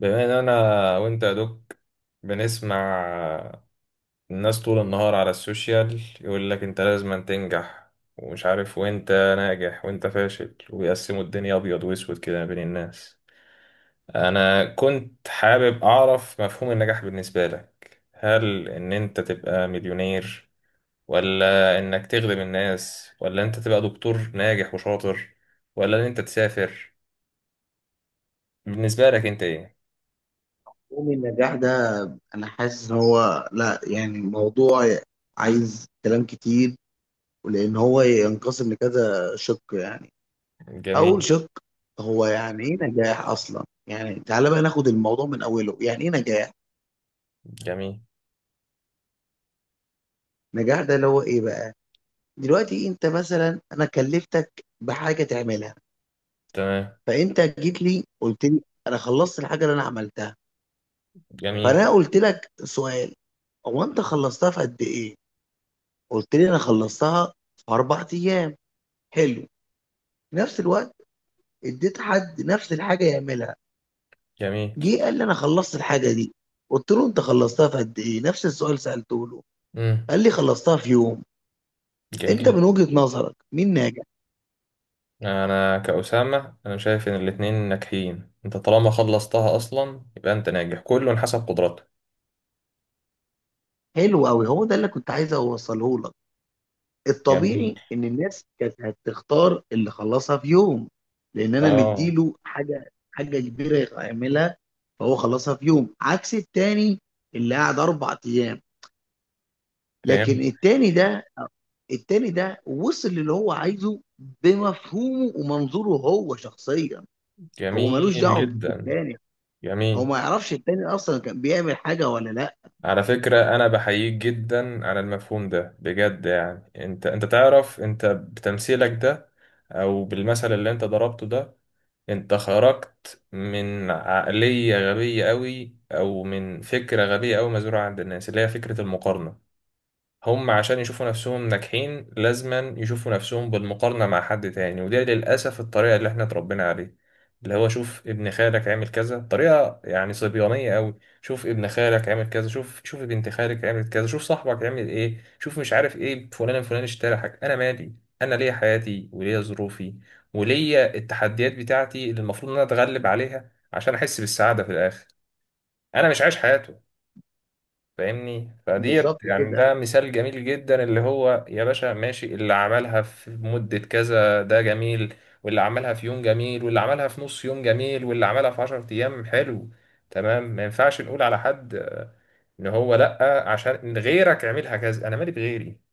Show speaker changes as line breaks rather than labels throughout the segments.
بما ان انا وانت يا دوك بنسمع الناس طول النهار على السوشيال يقول لك انت لازم تنجح ومش عارف، وانت ناجح وانت فاشل، ويقسموا الدنيا ابيض واسود كده ما بين الناس. انا كنت حابب اعرف مفهوم النجاح بالنسبة لك، هل ان انت تبقى مليونير، ولا انك تخدم الناس، ولا انت تبقى دكتور ناجح وشاطر، ولا ان انت تسافر؟ بالنسبة لك انت ايه؟
مفهوم النجاح ده، انا حاسس ان هو لا يعني موضوع عايز كلام كتير، ولان هو ينقسم لكذا شق يعني. اول
جميل.
شق، هو يعني ايه نجاح اصلا؟ يعني تعالى بقى ناخد الموضوع من اوله، يعني ايه نجاح؟
جميل.
نجاح ده اللي هو ايه بقى؟ دلوقتي انت مثلا، انا كلفتك بحاجه تعملها.
تمام.
فانت جيت لي قلت لي: انا خلصت الحاجه اللي انا عملتها.
جميل.
فانا قلت لك سؤال: هو انت خلصتها في قد ايه؟ قلت لي: انا خلصتها في 4 ايام. حلو. في نفس الوقت اديت حد نفس الحاجه يعملها.
جميل.
جه قال لي: انا خلصت الحاجه دي. قلت له: انت خلصتها في قد ايه؟ نفس السؤال سالته له.
امم
قال لي: خلصتها في يوم.
جميل
انت
جدا.
من وجهه نظرك مين ناجح؟
انا كأسامة، انا شايف ان الاتنين ناجحين، انت طالما خلصتها اصلا يبقى انت ناجح، كله حسب قدراته.
حلو قوي. هو ده اللي كنت عايز اوصله لك.
جميل.
الطبيعي ان الناس كانت هتختار اللي خلصها في يوم، لان انا
اه.
مديله حاجه كبيره يعملها. فهو خلصها في يوم عكس التاني اللي قعد 4 ايام. لكن
فهمت.
التاني ده وصل للي هو عايزه، بمفهومه ومنظوره هو شخصيا. هو ملوش
جميل
دعوه
جدا.
بالتاني، هو
جميل.
ما يعرفش التاني اصلا كان بيعمل حاجه ولا لا.
على فكرة انا بحييك جدا على المفهوم ده بجد، يعني انت تعرف انت بتمثيلك ده او بالمثل اللي انت ضربته ده، انت خرجت من عقلية غبية قوي او من فكرة غبية قوي مزروعة عند الناس، اللي هي فكرة المقارنة. هم عشان يشوفوا نفسهم ناجحين لازما يشوفوا نفسهم بالمقارنة مع حد تاني، وده للأسف الطريقة اللي احنا اتربينا عليه. اللي هو شوف ابن خالك عامل كذا، طريقة يعني صبيانية قوي. شوف ابن خالك عامل كذا، شوف بنت خالك عملت كذا، شوف صاحبك عمل ايه، شوف مش عارف ايه، فلان الفلاني اشترى حاجة، انا مالي. انا ليا حياتي وليا ظروفي وليا التحديات بتاعتي اللي المفروض ان انا اتغلب عليها عشان احس بالسعادة في الاخر. انا مش عايش حياته، فاهمني؟ فديت
بالظبط
يعني
كده،
ده مثال جميل جدا، اللي هو يا باشا ماشي، اللي عملها في مدة كذا ده جميل، واللي عملها في يوم جميل، واللي عملها في نص يوم جميل، واللي عملها في عشر أيام حلو، تمام. ما ينفعش نقول على حد آه، إن هو لأ عشان إن غيرك عملها كذا، أنا مالي بغيري.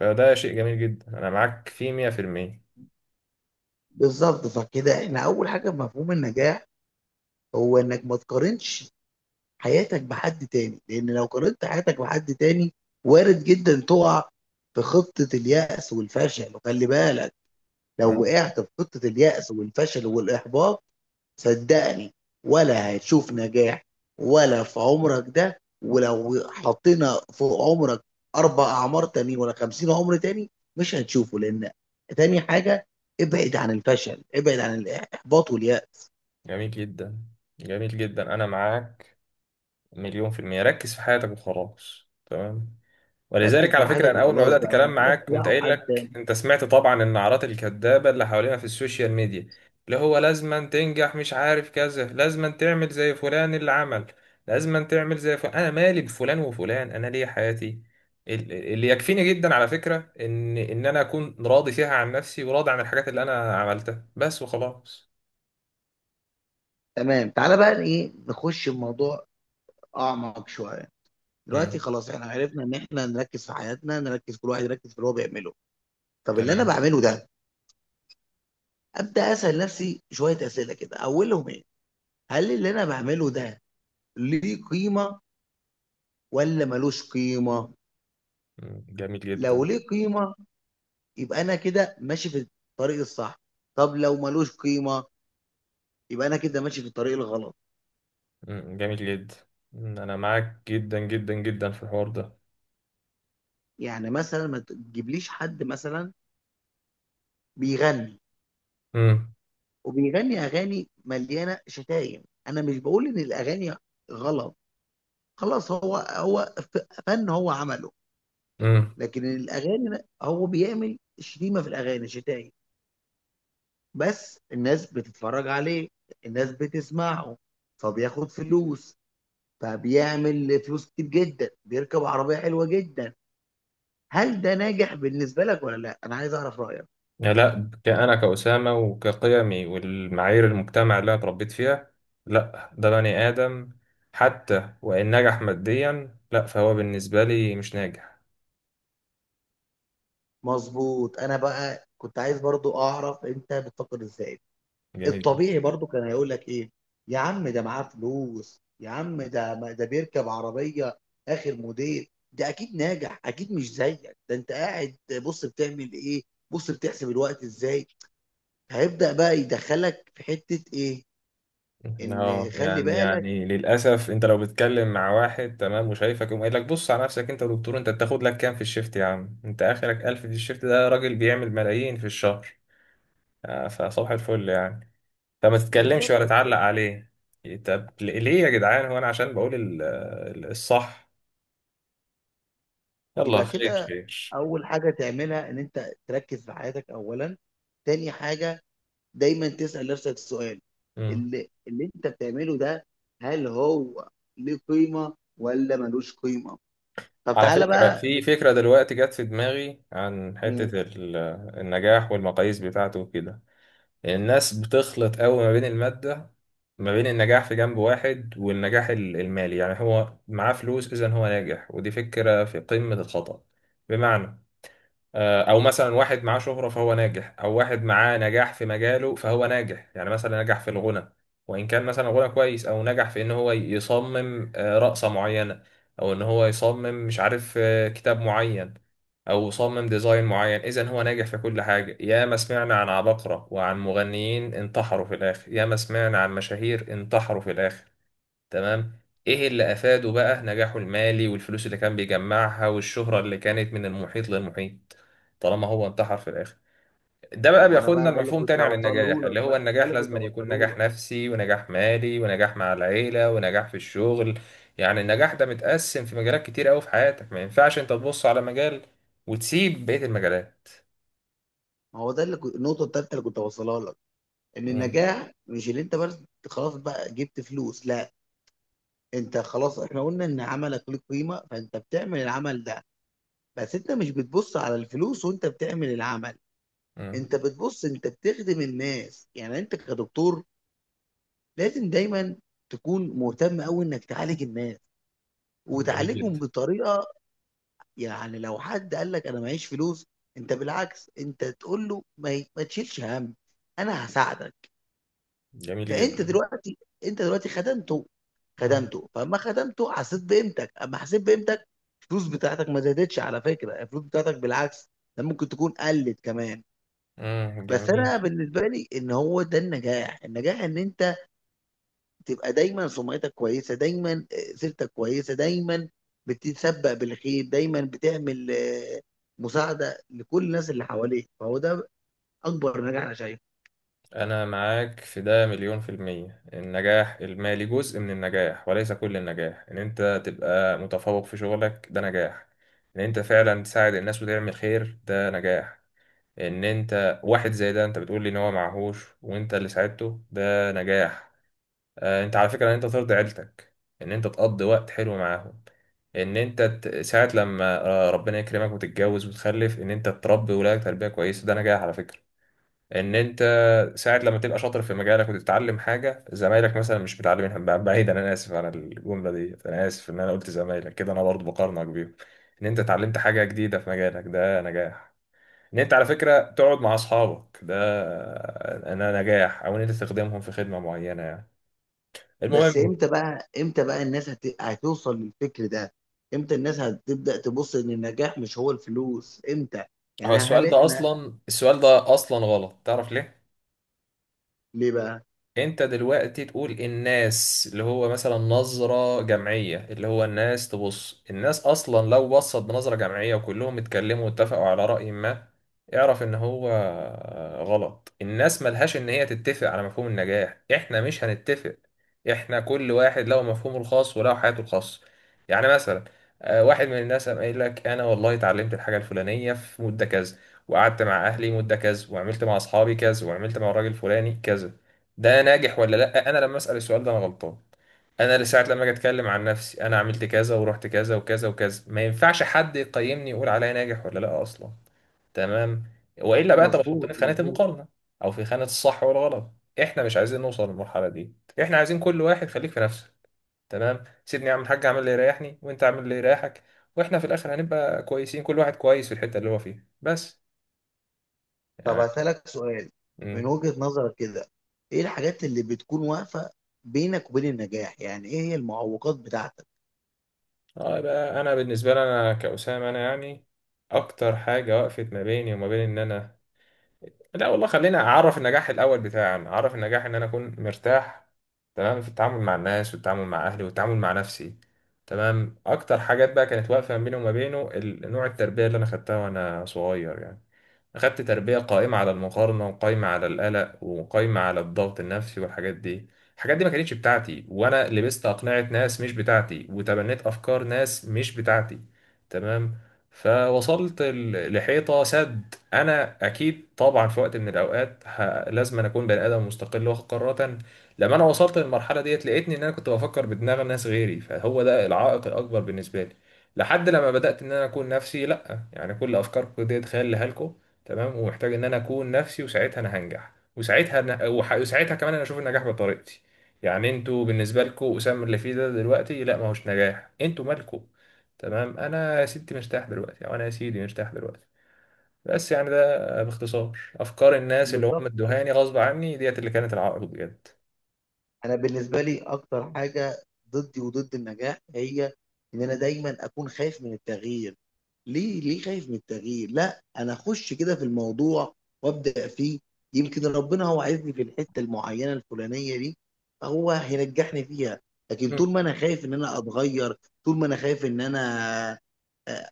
فده شيء جميل جدا، أنا معاك فيه مية في المية.
بالظبط. فكده احنا اول حاجه في مفهوم النجاح، هو انك ما تقارنش حياتك بحد تاني، لان لو قارنت حياتك بحد تاني، وارد جدا تقع في خطه اليأس والفشل. وخلي بالك، لو
مم.
وقعت في خطه اليأس والفشل والاحباط، صدقني ولا هتشوف نجاح، ولا في عمرك ده، ولو حطينا في عمرك 4 اعمار تاني ولا 50 عمر تاني مش هتشوفه. لان تاني حاجة: ابعد عن الفشل، ابعد عن الاحباط واليأس.
جميل جدا. جميل جدا، أنا معاك مليون في المية. ركز في حياتك وخلاص، تمام.
ركز
ولذلك
في
على فكرة
حياتك
أنا أول ما
وخلاص،
بدأت
بقى
كلام
مالكش
معاك قمت
دعوه
قايل
بحد
لك
تاني.
أنت سمعت طبعا النعرات الكذابة اللي حوالينا في السوشيال ميديا، اللي هو لازما تنجح، مش عارف كذا، لازما تعمل زي فلان اللي عمل، لازما تعمل زي فلان. أنا مالي بفلان وفلان، أنا ليه حياتي. اللي يكفيني جدا على فكرة إن أنا أكون راضي فيها عن نفسي، وراضي عن الحاجات اللي أنا عملتها بس وخلاص.
تمام. تعالى بقى ايه، نخش الموضوع اعمق شويه. دلوقتي
امم
خلاص احنا عرفنا ان احنا نركز في حياتنا، نركز. كل واحد يركز في اللي هو بيعمله. طب اللي انا
تمام.
بعمله ده، ابدا اسال نفسي شويه اسئله كده، اولهم ايه؟ هل اللي انا بعمله ده ليه قيمه ولا ملوش قيمه؟
مم. جميل جدا.
لو ليه قيمه، يبقى انا كده ماشي في الطريق الصح. طب لو ملوش قيمه، يبقى انا كده ماشي في الطريق الغلط.
مم. جميل جدا. مم. أنا معاك جدا جدا جدا في الحوار ده.
يعني مثلا ما تجيبليش حد مثلا بيغني، وبيغني اغاني مليانه شتايم. انا مش بقول ان الاغاني غلط، خلاص هو فن هو عمله.
امم
لكن الاغاني هو بيعمل شتيمه في الاغاني، شتايم. بس الناس بتتفرج عليه، الناس بتسمعه، فبياخد فلوس، فبيعمل فلوس كتير جدا، بيركب عربية حلوة جدا. هل ده ناجح بالنسبة لك ولا لا؟ انا عايز اعرف رأيك.
يعني لا، كأنا كأسامة وكقيمي والمعايير المجتمع اللي أنا اتربيت فيها، لا ده بني آدم حتى وإن نجح ماديا لا فهو بالنسبة لي مش ناجح.
مظبوط. انا بقى كنت عايز برضو اعرف انت بتفكر ازاي.
جميل.
الطبيعي برضو كان هيقول لك ايه: يا عم ده معاه فلوس، يا عم ده بيركب عربية اخر موديل، ده اكيد ناجح، اكيد مش زيك. ده انت قاعد، بص بتعمل ايه، بص بتحسب الوقت ازاي. هيبدأ بقى يدخلك في حتة ايه،
اه.
ان خلي
يعني
بالك.
يعني للأسف أنت لو بتتكلم مع واحد تمام وشايفك يقوم قايل لك بص على نفسك أنت يا دكتور، أنت بتاخد لك كام في الشيفت؟ يا عم أنت آخرك ألف في الشيفت، ده راجل بيعمل ملايين في الشهر. آه، فصباح الفل يعني. طب ما تتكلمش
بالظبط.
ولا تعلق عليه؟ طب ليه يا جدعان، هو انا عشان بقول الصح يلا
يبقى
خير
كده،
خير.
اول حاجة تعملها ان انت تركز في حياتك اولا. تاني حاجة، دايما تسأل نفسك السؤال:
مم.
اللي انت بتعمله ده، هل هو ليه قيمة ولا ملوش قيمة؟ طب
على
تعالى
فكرة
بقى
في فكرة دلوقتي جت في دماغي عن
مم.
حتة النجاح والمقاييس بتاعته وكده. الناس بتخلط قوي ما بين المادة، ما بين النجاح في جنب واحد، والنجاح المالي، يعني هو معاه فلوس إذا هو ناجح، ودي فكرة في قمة الخطأ. بمعنى آه، او مثلا واحد معاه شهرة فهو ناجح، او واحد معاه نجاح في مجاله فهو ناجح، يعني مثلا نجح في الغنى وان كان مثلا غنى كويس، او نجح في ان هو يصمم آه، رقصة معينة، او ان هو يصمم مش عارف آه، كتاب معين، او صمم ديزاين معين، اذا هو ناجح في كل حاجة. يا ما سمعنا عن عباقرة وعن مغنيين انتحروا في الاخر، يا ما سمعنا عن مشاهير انتحروا في الاخر، تمام؟ ايه اللي افاده بقى نجاحه المالي والفلوس اللي كان بيجمعها والشهرة اللي كانت من المحيط للمحيط طالما هو انتحر في الاخر؟ ده
ما
بقى
هو، انا
بياخدنا
بقى ده اللي
لمفهوم
كنت
تاني عن
هوصله
النجاح،
لك،
اللي هو
بقى ده
النجاح
اللي كنت
لازم أن يكون
هوصله
نجاح
لك.
نفسي ونجاح مالي ونجاح مع العيلة ونجاح في الشغل. يعني النجاح ده متقسم في مجالات كتير قوي في حياتك، ما ينفعش انت تبص على مجال وتسيب بقية المجالات.
ما هو ده اللي كنت النقطة التالتة اللي كنت هوصلها لك، ان
مم.
النجاح مش اللي انت بس خلاص بقى جبت فلوس، لا. انت خلاص، احنا قلنا ان عملك له قيمة، فانت بتعمل العمل ده. بس انت مش بتبص على الفلوس وانت بتعمل العمل،
مم.
انت بتبص انت بتخدم الناس. يعني انت كدكتور لازم دايما تكون مهتم قوي انك تعالج الناس،
جميل
وتعالجهم
جدا.
بطريقة. يعني لو حد قال لك انا معيش فلوس، انت بالعكس انت تقول له: ما تشيلش هم، انا هساعدك.
جميل
فانت
جدا.
دلوقتي انت دلوقتي خدمته.
مم.
خدمته، فاما خدمته حسيت بقيمتك، اما حسيت بقيمتك، الفلوس بتاعتك ما زادتش. على فكره الفلوس بتاعتك بالعكس، ده ممكن تكون قلت كمان.
مم.
بس انا
جميل.
بالنسبه لي ان هو ده النجاح. النجاح ان انت تبقى دايما سمعتك كويسه، دايما سيرتك كويسه، دايما بتتسبق بالخير، دايما بتعمل مساعده لكل الناس اللي حواليك. فهو ده اكبر نجاح انا شايفه.
أنا معاك في ده مليون في المية. النجاح المالي جزء من النجاح وليس كل النجاح. إن أنت تبقى متفوق في شغلك ده نجاح. إن أنت فعلا تساعد الناس وتعمل خير ده نجاح. إن أنت واحد زي ده أنت بتقول لي إن هو معهوش وأنت اللي ساعدته ده نجاح. آه، أنت على فكرة إن أنت ترضي عيلتك، إن أنت تقضي وقت حلو معاهم، إن أنت ساعة لما آه، ربنا يكرمك وتتجوز وتخلف، إن أنت تربي ولادك تربية كويسة ده نجاح على فكرة. ان انت ساعة لما تبقى شاطر في مجالك وتتعلم حاجة زمايلك مثلا مش متعلمينها، بعيدا، انا اسف على الجملة دي، انا اسف ان انا قلت زمايلك كده، انا برضو بقارنك بيهم. ان انت اتعلمت حاجة جديدة في مجالك ده نجاح. ان انت على فكرة تقعد مع اصحابك ده انا نجاح، او ان انت تخدمهم في خدمة معينة، يعني
بس
المهم.
امتى بقى، امتى بقى الناس هتوصل للفكر ده؟ امتى الناس هتبدأ تبص ان النجاح مش هو الفلوس؟ امتى؟ يعني
السؤال
هل
ده
احنا؟
اصلا، السؤال ده اصلا غلط، تعرف ليه؟
ليه بقى؟
انت دلوقتي تقول الناس اللي هو مثلا نظرة جمعية، اللي هو الناس تبص، الناس اصلا لو بصت بنظرة جمعية وكلهم اتكلموا واتفقوا على رأي ما اعرف ان هو غلط. الناس ملهاش ان هي تتفق على مفهوم النجاح، احنا مش هنتفق. احنا كل واحد له مفهومه الخاص وله حياته الخاصة. يعني مثلا آه، واحد من الناس قام قايل لك انا والله اتعلمت الحاجة الفلانية في مدة كذا، وقعدت مع اهلي مدة كذا، وعملت مع اصحابي كذا، وعملت مع الراجل الفلاني كذا، ده ناجح ولا لا؟ انا لما اسال السؤال ده انا غلطان. انا لساعة لما اجي اتكلم عن نفسي، انا عملت كذا ورحت كذا وكذا وكذا، ما ينفعش حد يقيمني يقول عليا ناجح ولا لا اصلا، تمام؟ والا بقى انت بتحطني
مظبوط،
في خانة
مظبوط.
المقارنة او في خانة الصح والغلط. احنا مش عايزين نوصل للمرحلة دي، احنا عايزين كل واحد خليك في نفسك، تمام، سيبني اعمل حاجة، اعمل اللي يريحني وانت اعمل اللي يريحك، واحنا في الاخر هنبقى كويسين، كل واحد كويس في الحتة اللي هو فيها بس
طب هسألك سؤال: من
يعني.
وجهة نظرك كده، ايه الحاجات اللي بتكون واقفة بينك وبين النجاح؟ يعني ايه هي المعوقات بتاعتك؟
اه بقى، انا بالنسبه لي انا كأسامه، انا يعني اكتر حاجه وقفت ما بيني وما بين ان انا، لا والله خلينا اعرف النجاح الاول بتاعي. انا اعرف النجاح ان انا اكون مرتاح، تمام، في التعامل مع الناس والتعامل مع اهلي والتعامل مع نفسي، تمام. اكتر حاجات بقى كانت واقفه ما بيني وما بينه نوع التربيه اللي انا خدتها وانا صغير يعني. أخدت تربية قائمة على المقارنة، وقائمة على القلق، وقائمة على الضغط النفسي، والحاجات دي الحاجات دي ما كانتش بتاعتي، وأنا لبست أقنعة ناس مش بتاعتي، وتبنيت أفكار ناس مش بتاعتي، تمام. فوصلت لحيطة سد. أنا أكيد طبعا في وقت من الأوقات لازم أنا أكون بني آدم مستقل واخد قرارات. لما أنا وصلت للمرحلة ديت لقيتني إن أنا كنت بفكر بدماغ الناس غيري، فهو ده العائق الأكبر بالنسبة لي لحد لما بدأت إن أنا أكون نفسي. لأ، يعني كل أفكاركم ديت خيال لكم، تمام، ومحتاج ان انا اكون نفسي، وساعتها انا هنجح، وساعتها وساعتها كمان انا اشوف النجاح بطريقتي. يعني انتوا بالنسبه لكم اسامه اللي فيه ده دلوقتي لا ما هوش نجاح، انتوا مالكم، تمام؟ انا يا ستي مرتاح دلوقتي، او انا يا سيدي مرتاح دلوقتي بس. يعني ده باختصار افكار الناس اللي هم
بالظبط.
ادوهاني غصب عني ديت اللي كانت العائق بجد.
انا بالنسبه لي اكتر حاجه ضدي وضد النجاح، هي ان انا دايما اكون خايف من التغيير. ليه خايف من التغيير؟ لا، انا اخش كده في الموضوع وابدا فيه، يمكن ربنا هو عايزني في الحته المعينه الفلانيه دي، فهو هينجحني فيها. لكن
مم.
طول ما انا خايف ان انا اتغير، طول ما انا خايف آه،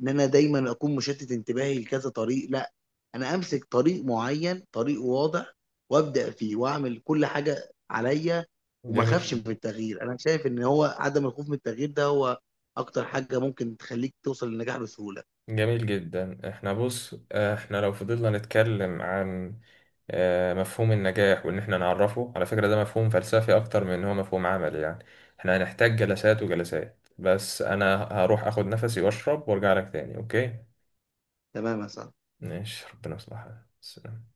ان انا دايما اكون مشتت انتباهي لكذا طريق. لا، انا امسك طريق معين، طريق واضح، وابدا فيه واعمل كل حاجه عليا، وما اخافش من
جميل.
التغيير. انا شايف ان هو عدم الخوف من التغيير ده هو اكتر حاجه ممكن تخليك توصل للنجاح بسهوله.
جميل جدا. احنا بص آه، احنا لو فضلنا نتكلم عن آه، مفهوم النجاح وان احنا نعرفه، على فكرة ده مفهوم فلسفي اكتر من ان هو مفهوم عملي يعني، احنا هنحتاج جلسات وجلسات، بس انا هروح اخد نفسي واشرب وارجع لك تاني، اوكي؟
تمام يا صاحبي.
ماشي، ربنا يصلحك، سلام.